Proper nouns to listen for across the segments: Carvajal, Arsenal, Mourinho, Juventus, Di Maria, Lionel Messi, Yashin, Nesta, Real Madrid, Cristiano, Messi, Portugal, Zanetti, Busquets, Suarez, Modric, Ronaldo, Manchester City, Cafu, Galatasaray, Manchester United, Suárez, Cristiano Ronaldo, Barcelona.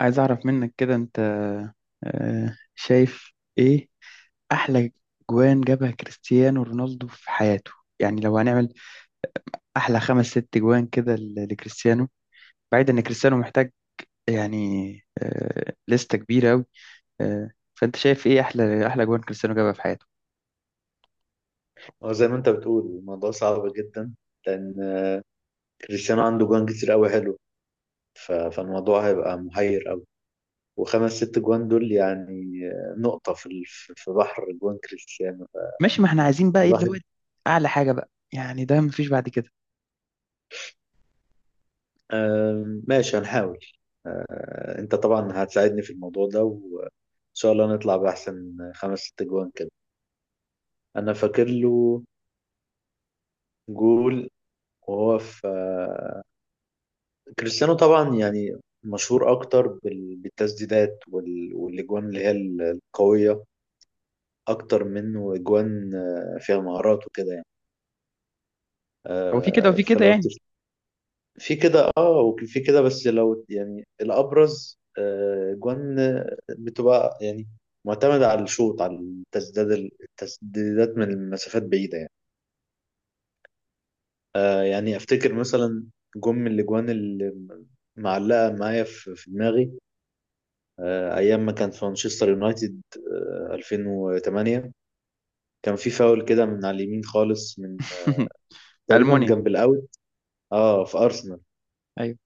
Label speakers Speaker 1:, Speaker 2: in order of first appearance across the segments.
Speaker 1: عايز أعرف منك كده. أنت شايف إيه أحلى جوان جابها كريستيانو رونالدو في حياته؟ يعني لو هنعمل أحلى خمس ست جوان كده لكريستيانو، بعيد إن كريستيانو محتاج، يعني لستة كبيرة أوي. فأنت شايف إيه أحلى جوان كريستيانو جابها في حياته؟
Speaker 2: اه، زي ما انت بتقول الموضوع صعب جدا لان كريستيانو عنده جوان كتير قوي حلو. فالموضوع هيبقى محير قوي، وخمس ست جوان دول يعني نقطة في بحر جوان كريستيانو
Speaker 1: ماشي، ما إحنا عايزين بقى إيه اللي هو
Speaker 2: الواحد.
Speaker 1: أعلى حاجة بقى، يعني ده مفيش بعد كده.
Speaker 2: ماشي، هنحاول. انت طبعا هتساعدني في الموضوع ده، وان شاء الله نطلع بأحسن خمس ست جوان كده. انا فاكر له جول وهو في، كريستيانو طبعا يعني مشهور اكتر بالتسديدات والاجوان اللي هي القويه اكتر منه اجوان فيها مهارات وكده يعني.
Speaker 1: هو في كده وفي كده
Speaker 2: فلو
Speaker 1: يعني.
Speaker 2: في كده اه، وفي كده، بس لو يعني الابرز اجوان بتبقى يعني معتمدة على الشوط، على التسديدات، التسديدات من المسافات بعيدة يعني. يعني افتكر مثلا جم من الاجوان اللي معلقة معايا في دماغي، ايام ما كان في مانشستر يونايتد. 2008 كان في فاول كده من على اليمين خالص، من
Speaker 1: في
Speaker 2: تقريبا
Speaker 1: ألمونيا.
Speaker 2: جنب الاوت، اه، في ارسنال.
Speaker 1: أيوه.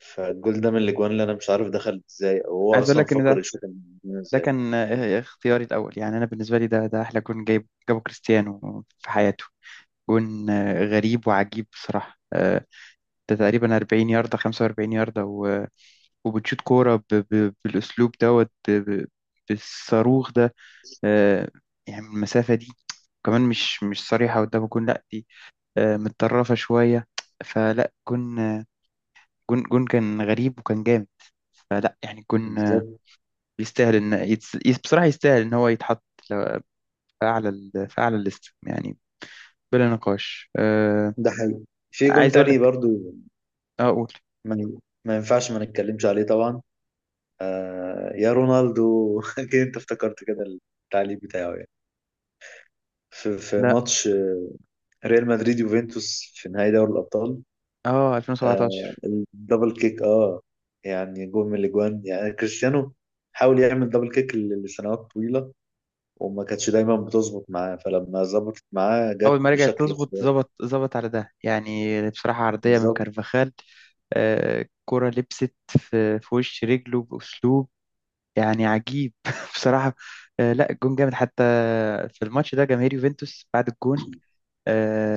Speaker 2: فالجول ده من الاجوان اللي انا مش عارف دخل ازاي، او هو
Speaker 1: عايز أقول
Speaker 2: اصلا
Speaker 1: لك إن
Speaker 2: فكر
Speaker 1: ده
Speaker 2: يشوط الجون
Speaker 1: ده
Speaker 2: ازاي.
Speaker 1: كان، اختياري الأول. يعني أنا بالنسبة لي ده أحلى جون جابه كريستيانو في حياته. جون غريب وعجيب بصراحة. ده تقريبا 40 ياردة، 45 ياردة، وبتشوت كورة بالأسلوب دوت بالصاروخ ده. آه، يعني من المسافة دي، كمان مش صريحة قدام الجون، لأ دي متطرفة شوية. فلا جون، جون كان غريب وكان جامد. فلا يعني جون،
Speaker 2: بالظبط.
Speaker 1: يستاهل إن بصراحة يستاهل إن هو يتحط فأعلى الليست، يعني بلا نقاش.
Speaker 2: ده حقيقي. في جون
Speaker 1: عايز أقول
Speaker 2: تاني
Speaker 1: لك،
Speaker 2: برضو،
Speaker 1: آه، أقول
Speaker 2: ما ما ينفعش ما نتكلمش عليه طبعا. آه يا رونالدو أكيد انت افتكرت كده. التعليق بتاعه يعني في، في
Speaker 1: لا.
Speaker 2: ماتش ريال مدريد يوفنتوس في نهائي دوري الابطال.
Speaker 1: أه،
Speaker 2: آه،
Speaker 1: 2017.
Speaker 2: الدبل كيك، اه. يعني جول من الاجوان، يعني كريستيانو حاول يعمل دبل كيك لسنوات طويله، وما كانتش دايما بتظبط معاه، فلما ظبطت معاه
Speaker 1: أول
Speaker 2: جت
Speaker 1: ما رجعت
Speaker 2: بشكل
Speaker 1: تظبط،
Speaker 2: خرافي.
Speaker 1: ظبط على ده، يعني بصراحة عرضية من
Speaker 2: بالظبط،
Speaker 1: كارفاخال. آه، كرة لبست في وش رجله بأسلوب يعني عجيب بصراحة. آه، لا الجون جامد حتى. في الماتش ده جماهير يوفنتوس بعد الجون،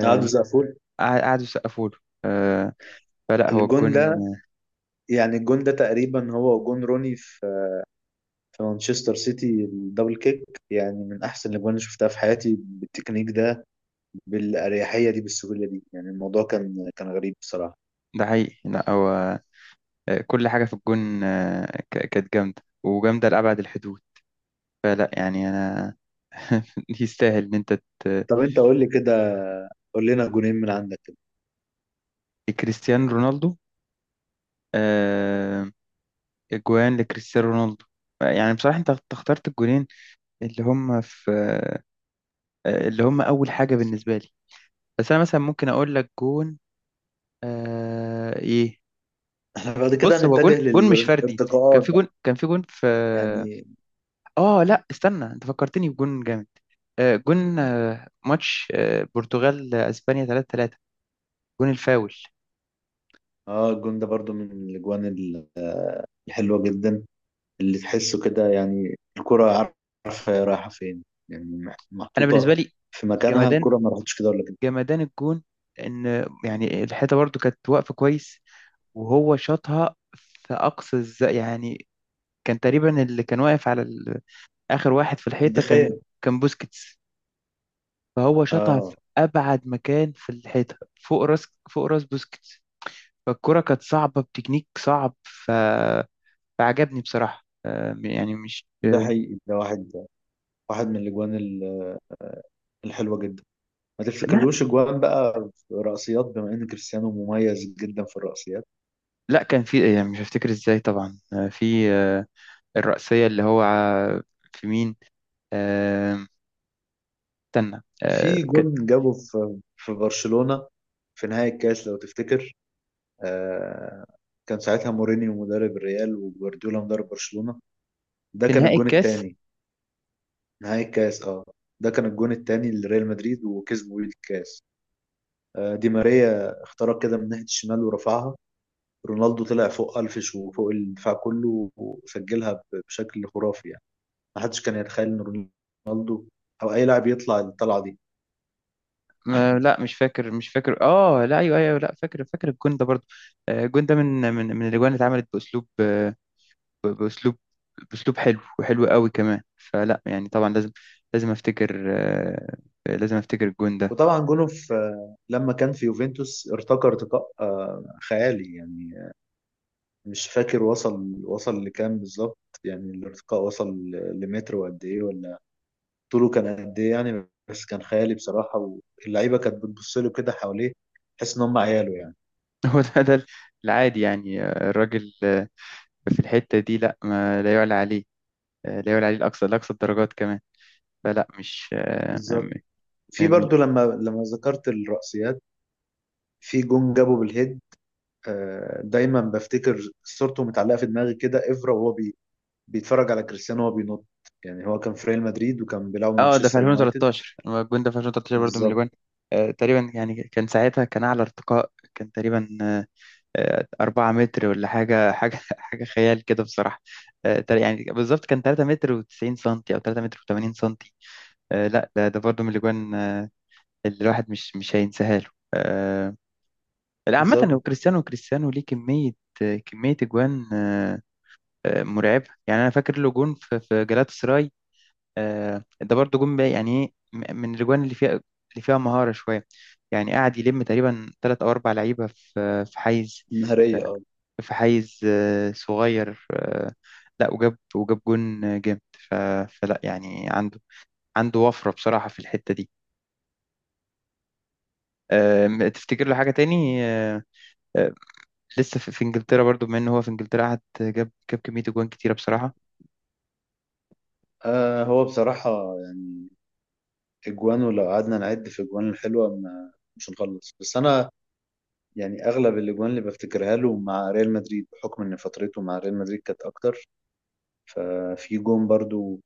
Speaker 2: قعدوا زقفول.
Speaker 1: قعدوا يسقفوا له. آه فلا هو
Speaker 2: الجون
Speaker 1: الجون.
Speaker 2: ده، يعني الجون ده تقريبا هو جون روني في مانشستر سيتي، الدبل كيك. يعني من احسن الاجوان اللي شفتها في حياتي، بالتكنيك ده، بالاريحيه دي، بالسهوله دي، يعني الموضوع كان كان غريب بصراحه.
Speaker 1: ده حقيقي. لا هو كل حاجة في الجون كانت جامدة وجامدة لأبعد الحدود. فلا يعني أنا يستاهل إن أنت ت-
Speaker 2: طب انت قول لي كده، قول لنا جونين من عندك.
Speaker 1: كريستيانو رونالدو، آه، أجوان لكريستيانو رونالدو. يعني بصراحة أنت اخترت الجونين اللي هم في، اللي هم أول حاجة بالنسبة لي. بس أنا مثلا ممكن أقول لك جون، إيه.
Speaker 2: احنا بعد كده
Speaker 1: بص، هو جون
Speaker 2: هنتجه
Speaker 1: جون مش فردي. كان
Speaker 2: للارتقاءات
Speaker 1: في
Speaker 2: بقى،
Speaker 1: جون، كان في جون في.
Speaker 2: يعني.
Speaker 1: اه، لا استنى، انت فكرتني بجون جامد. جون ماتش برتغال اسبانيا 3-3، جون الفاول.
Speaker 2: اه، الجون ده برضو من الاجوان الحلوه جدا، اللي تحسه كده، يعني الكره عارفه هي رايحه فين، يعني
Speaker 1: انا بالنسبه
Speaker 2: محطوطه
Speaker 1: لي
Speaker 2: في مكانها.
Speaker 1: جمدان،
Speaker 2: الكره ما راحتش كده ولا كده،
Speaker 1: جمدان الجون. ان يعني الحيطه برضو كانت واقفه كويس، وهو شاطها في اقصى الز... يعني كان تقريبا اللي كان واقف على ال... اخر واحد في
Speaker 2: دي
Speaker 1: الحيطه
Speaker 2: خيال.
Speaker 1: كان بوسكيتس. فهو شاطها في
Speaker 2: اه،
Speaker 1: ابعد مكان في الحيطه، فوق راس بوسكيتس. فالكره كانت صعبه بتكنيك صعب. فعجبني بصراحة، يعني مش
Speaker 2: ده حقيقي. ده واحد، واحد من الاجوان الحلوه جدا. ما
Speaker 1: لا.
Speaker 2: تفتكرلوش اجوان بقى في رأسيات، بما ان كريستيانو مميز جدا في الرأسيات؟
Speaker 1: لا، كان في، يعني مش هفتكر ازاي طبعا. في الرأسية اللي هو في مين؟ آه، استنى
Speaker 2: في جون جابه في برشلونه، في نهايه الكاس لو تفتكر. آه، كان ساعتها مورينيو مدرب الريال وجوارديولا مدرب برشلونة، ده
Speaker 1: في
Speaker 2: كان
Speaker 1: نهائي
Speaker 2: الجون
Speaker 1: الكاس.
Speaker 2: التاني. نهائي الكاس، اه. ده كان الجون التاني لريال مدريد، وكسبوا بيه الكاس. دي ماريا اخترق كده من ناحية الشمال ورفعها، رونالدو طلع فوق ألفش وفوق الدفاع كله وسجلها بشكل خرافي يعني. محدش كان يتخيل إن رونالدو أو أي لاعب يطلع الطلعة دي.
Speaker 1: لا مش فاكر، اه لا ايوه ايوه، لا فاكر، الجون ده برضه. الجون ده من الاجوان اللي اتعملت باسلوب، ب- باسلوب باسلوب حلو وحلو قوي كمان. فلا يعني طبعا، لازم افتكر، لازم افتكر الجون ده.
Speaker 2: وطبعا جونه في لما كان في يوفنتوس، ارتقى ارتقاء خيالي يعني. مش فاكر وصل، وصل لكام بالظبط، يعني الارتقاء وصل لمتر وقد ايه، ولا طوله كان قد ايه يعني، بس كان خيالي بصراحة. واللعيبة كانت بتبص له كده حواليه، تحس ان هم عياله يعني.
Speaker 1: هو ده العادي، يعني الراجل في الحتة دي، لا، ما لا يعلى عليه. لا يعلى عليه الأقصى، الدرجات كمان. فلا مش
Speaker 2: بالظبط.
Speaker 1: م-
Speaker 2: في
Speaker 1: م-
Speaker 2: برضو لما، لما ذكرت الرأسيات، في جون جابه بالهيد. دايما بفتكر صورته متعلقة في دماغي كده، افرا وهو بي، بيتفرج على كريستيانو وهو بينط. يعني هو كان في ريال مدريد وكان بيلعب
Speaker 1: اه، ده في
Speaker 2: مانشستر يونايتد.
Speaker 1: 2013. هو الجون ده في 2013 برضو من
Speaker 2: بالظبط.
Speaker 1: الأجوان. تقريبا يعني، كان ساعتها كان أعلى ارتقاء كان تقريبا 4 متر ولا حاجة، حاجة خيال كده بصراحة. يعني بالظبط كان 3 متر و90 سنتي أو 3 متر و80 سنتي. لا ده برضو من الأجوان، اللي الواحد مش هينساها له. آه، لا عامة، هو
Speaker 2: بالظبط.
Speaker 1: كريستيانو، ليه كمية، أجوان مرعبة. يعني أنا فاكر له جون في جلاتا سراي. ده برضه جون بقى، يعني إيه من الأجوان اللي فيها، مهارة شوية. يعني قاعد يلم تقريبا تلات أو أربع لعيبة في حيز،
Speaker 2: نهارية،
Speaker 1: آه،
Speaker 2: اه.
Speaker 1: في حيز صغير. لا، وجاب جون جامد. ف- فلا يعني عنده وفرة بصراحة في الحتة دي. تفتكر له حاجة تاني؟ آه، لسه في انجلترا، برضو بما ان هو في انجلترا قعد جاب كمية جوان كتيرة بصراحة.
Speaker 2: هو بصراحة يعني اجوان، ولو قعدنا نعد في اجوان الحلوه ما، مش هنخلص. بس انا يعني اغلب الاجوان اللي بفتكرها له مع ريال مدريد، بحكم ان فترته مع ريال مدريد كانت اكتر. ففي جون برضو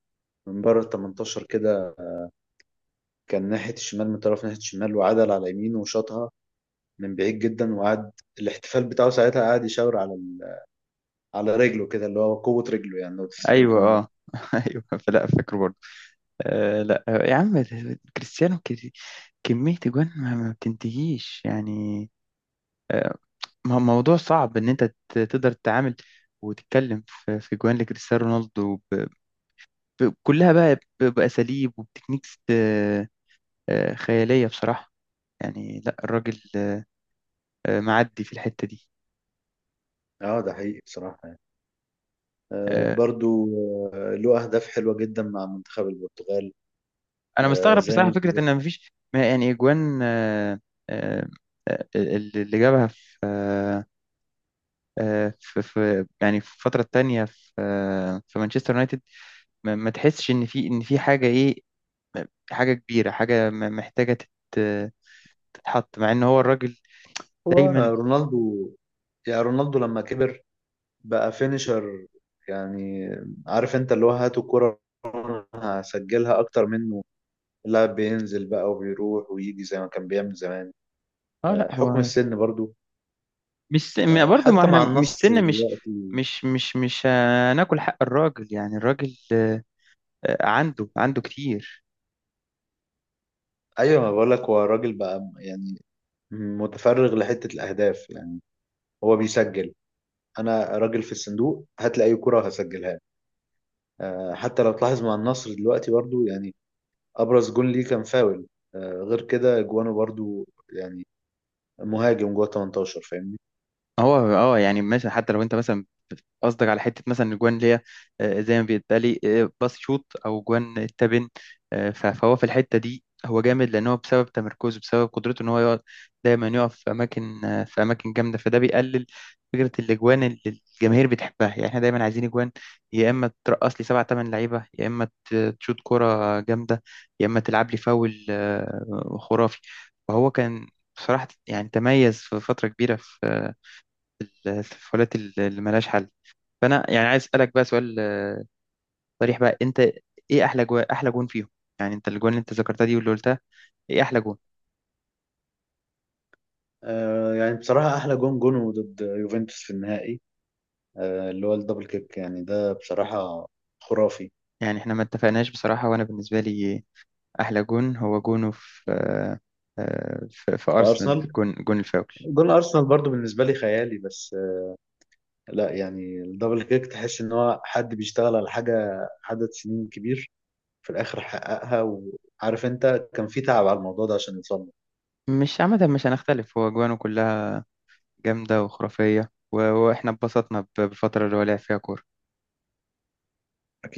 Speaker 2: من بره ال 18 كده، كان ناحيه الشمال، من طرف ناحيه الشمال، وعدل على يمينه وشاطها من بعيد جدا. وقعد الاحتفال بتاعه ساعتها، قعد يشاور على ال، على رجله كده، اللي هو قوه رجله يعني. لو تفتكر
Speaker 1: ايوه،
Speaker 2: الجون ده.
Speaker 1: اه، ايوه، فلا فاكره برضو. لا، يا عم كريستيانو، كمية جوان ما بتنتهيش يعني. آه، موضوع صعب ان انت تقدر تتعامل وتتكلم في جوان لكريستيانو رونالدو، كلها بقى، بأساليب وبتكنيكس خيالية بصراحة. يعني لا الراجل معدي في الحتة دي.
Speaker 2: اه، ده حقيقي بصراحه يعني. آه،
Speaker 1: آه،
Speaker 2: برضو، آه، له اهداف حلوه جدا مع منتخب البرتغال.
Speaker 1: انا
Speaker 2: آه،
Speaker 1: مستغرب
Speaker 2: زي ما
Speaker 1: بصراحة
Speaker 2: انت،
Speaker 1: فكرة ان مفيش، ما يعني، جوان آه، اللي جابها في في يعني، في الفترة التانية في في مانشستر يونايتد. ما تحسش إن في، إن في حاجة إيه، حاجة كبيرة، حاجة محتاجة تتحط، مع إن هو الراجل
Speaker 2: هو
Speaker 1: دايما.
Speaker 2: رونالدو، يعني رونالدو لما كبر بقى فينيشر. يعني عارف انت، اللي هو هات الكرة وأنا هسجلها اكتر منه. اللاعب بينزل بقى وبيروح ويجي زي ما كان بيعمل زمان.
Speaker 1: لا
Speaker 2: حكم
Speaker 1: هو
Speaker 2: السن برضو.
Speaker 1: مش س- برضه، ما
Speaker 2: حتى
Speaker 1: إحنا
Speaker 2: مع
Speaker 1: مش
Speaker 2: النصر
Speaker 1: سن، مش
Speaker 2: دلوقتي.
Speaker 1: مش مش مش هناكل حق الراجل. يعني الراجل عنده كتير.
Speaker 2: ايوه، ما بقول لك، هو الراجل بقى يعني متفرغ لحتة الاهداف. يعني هو بيسجل، انا راجل في الصندوق، هات لي اي كرة هسجلها. حتى لو تلاحظ مع النصر دلوقتي برضو، يعني ابرز جون ليه كان فاول. غير كده جوانه برضو يعني مهاجم جوه 18، فاهمني.
Speaker 1: هو اه يعني مثلا، حتى لو انت مثلا قصدك على حته مثلا الجوان اللي هي زي ما بيتقالي، باص شوت، او جوان التبن. فهو في الحته دي هو جامد، لان هو بسبب تمركزه، بسبب قدرته ان هو يقعد دايما يقف في اماكن، في اماكن جامده، فده بيقلل فكره الاجوان اللي الجماهير بتحبها. يعني احنا دايما عايزين اجوان، يا اما ترقص لي سبع ثمان لعيبه، يا اما تشوت كوره جامده، يا اما تلعب لي فاول خرافي. فهو كان بصراحه، يعني تميز في فتره كبيره في الفاولات اللي ملهاش حل. فانا يعني عايز اسالك بقى سؤال صريح بقى، انت ايه احلى جو... احلى جون فيهم؟ يعني انت الجون اللي انت ذكرتها دي واللي قلتها، ايه احلى جون؟
Speaker 2: يعني بصراحة احلى جون جونه ضد يوفنتوس في النهائي، اللي هو الدبل كيك. يعني ده بصراحة خرافي.
Speaker 1: يعني احنا ما اتفقناش بصراحه. وانا بالنسبه لي احلى جون هو جونه في في ارسنال،
Speaker 2: فارسنال،
Speaker 1: جون الفاول.
Speaker 2: جون ارسنال برضو بالنسبة لي خيالي، بس لا يعني الدبل كيك تحس ان هو حد بيشتغل على حاجة عدد سنين كبير، في الاخر حققها. وعارف انت كان في تعب على الموضوع ده عشان يوصل له.
Speaker 1: مش، عامه مش هنختلف، هو جوانه كلها جامده وخرافيه، واحنا اتبسطنا بالفتره اللي هو لعب فيها كوره.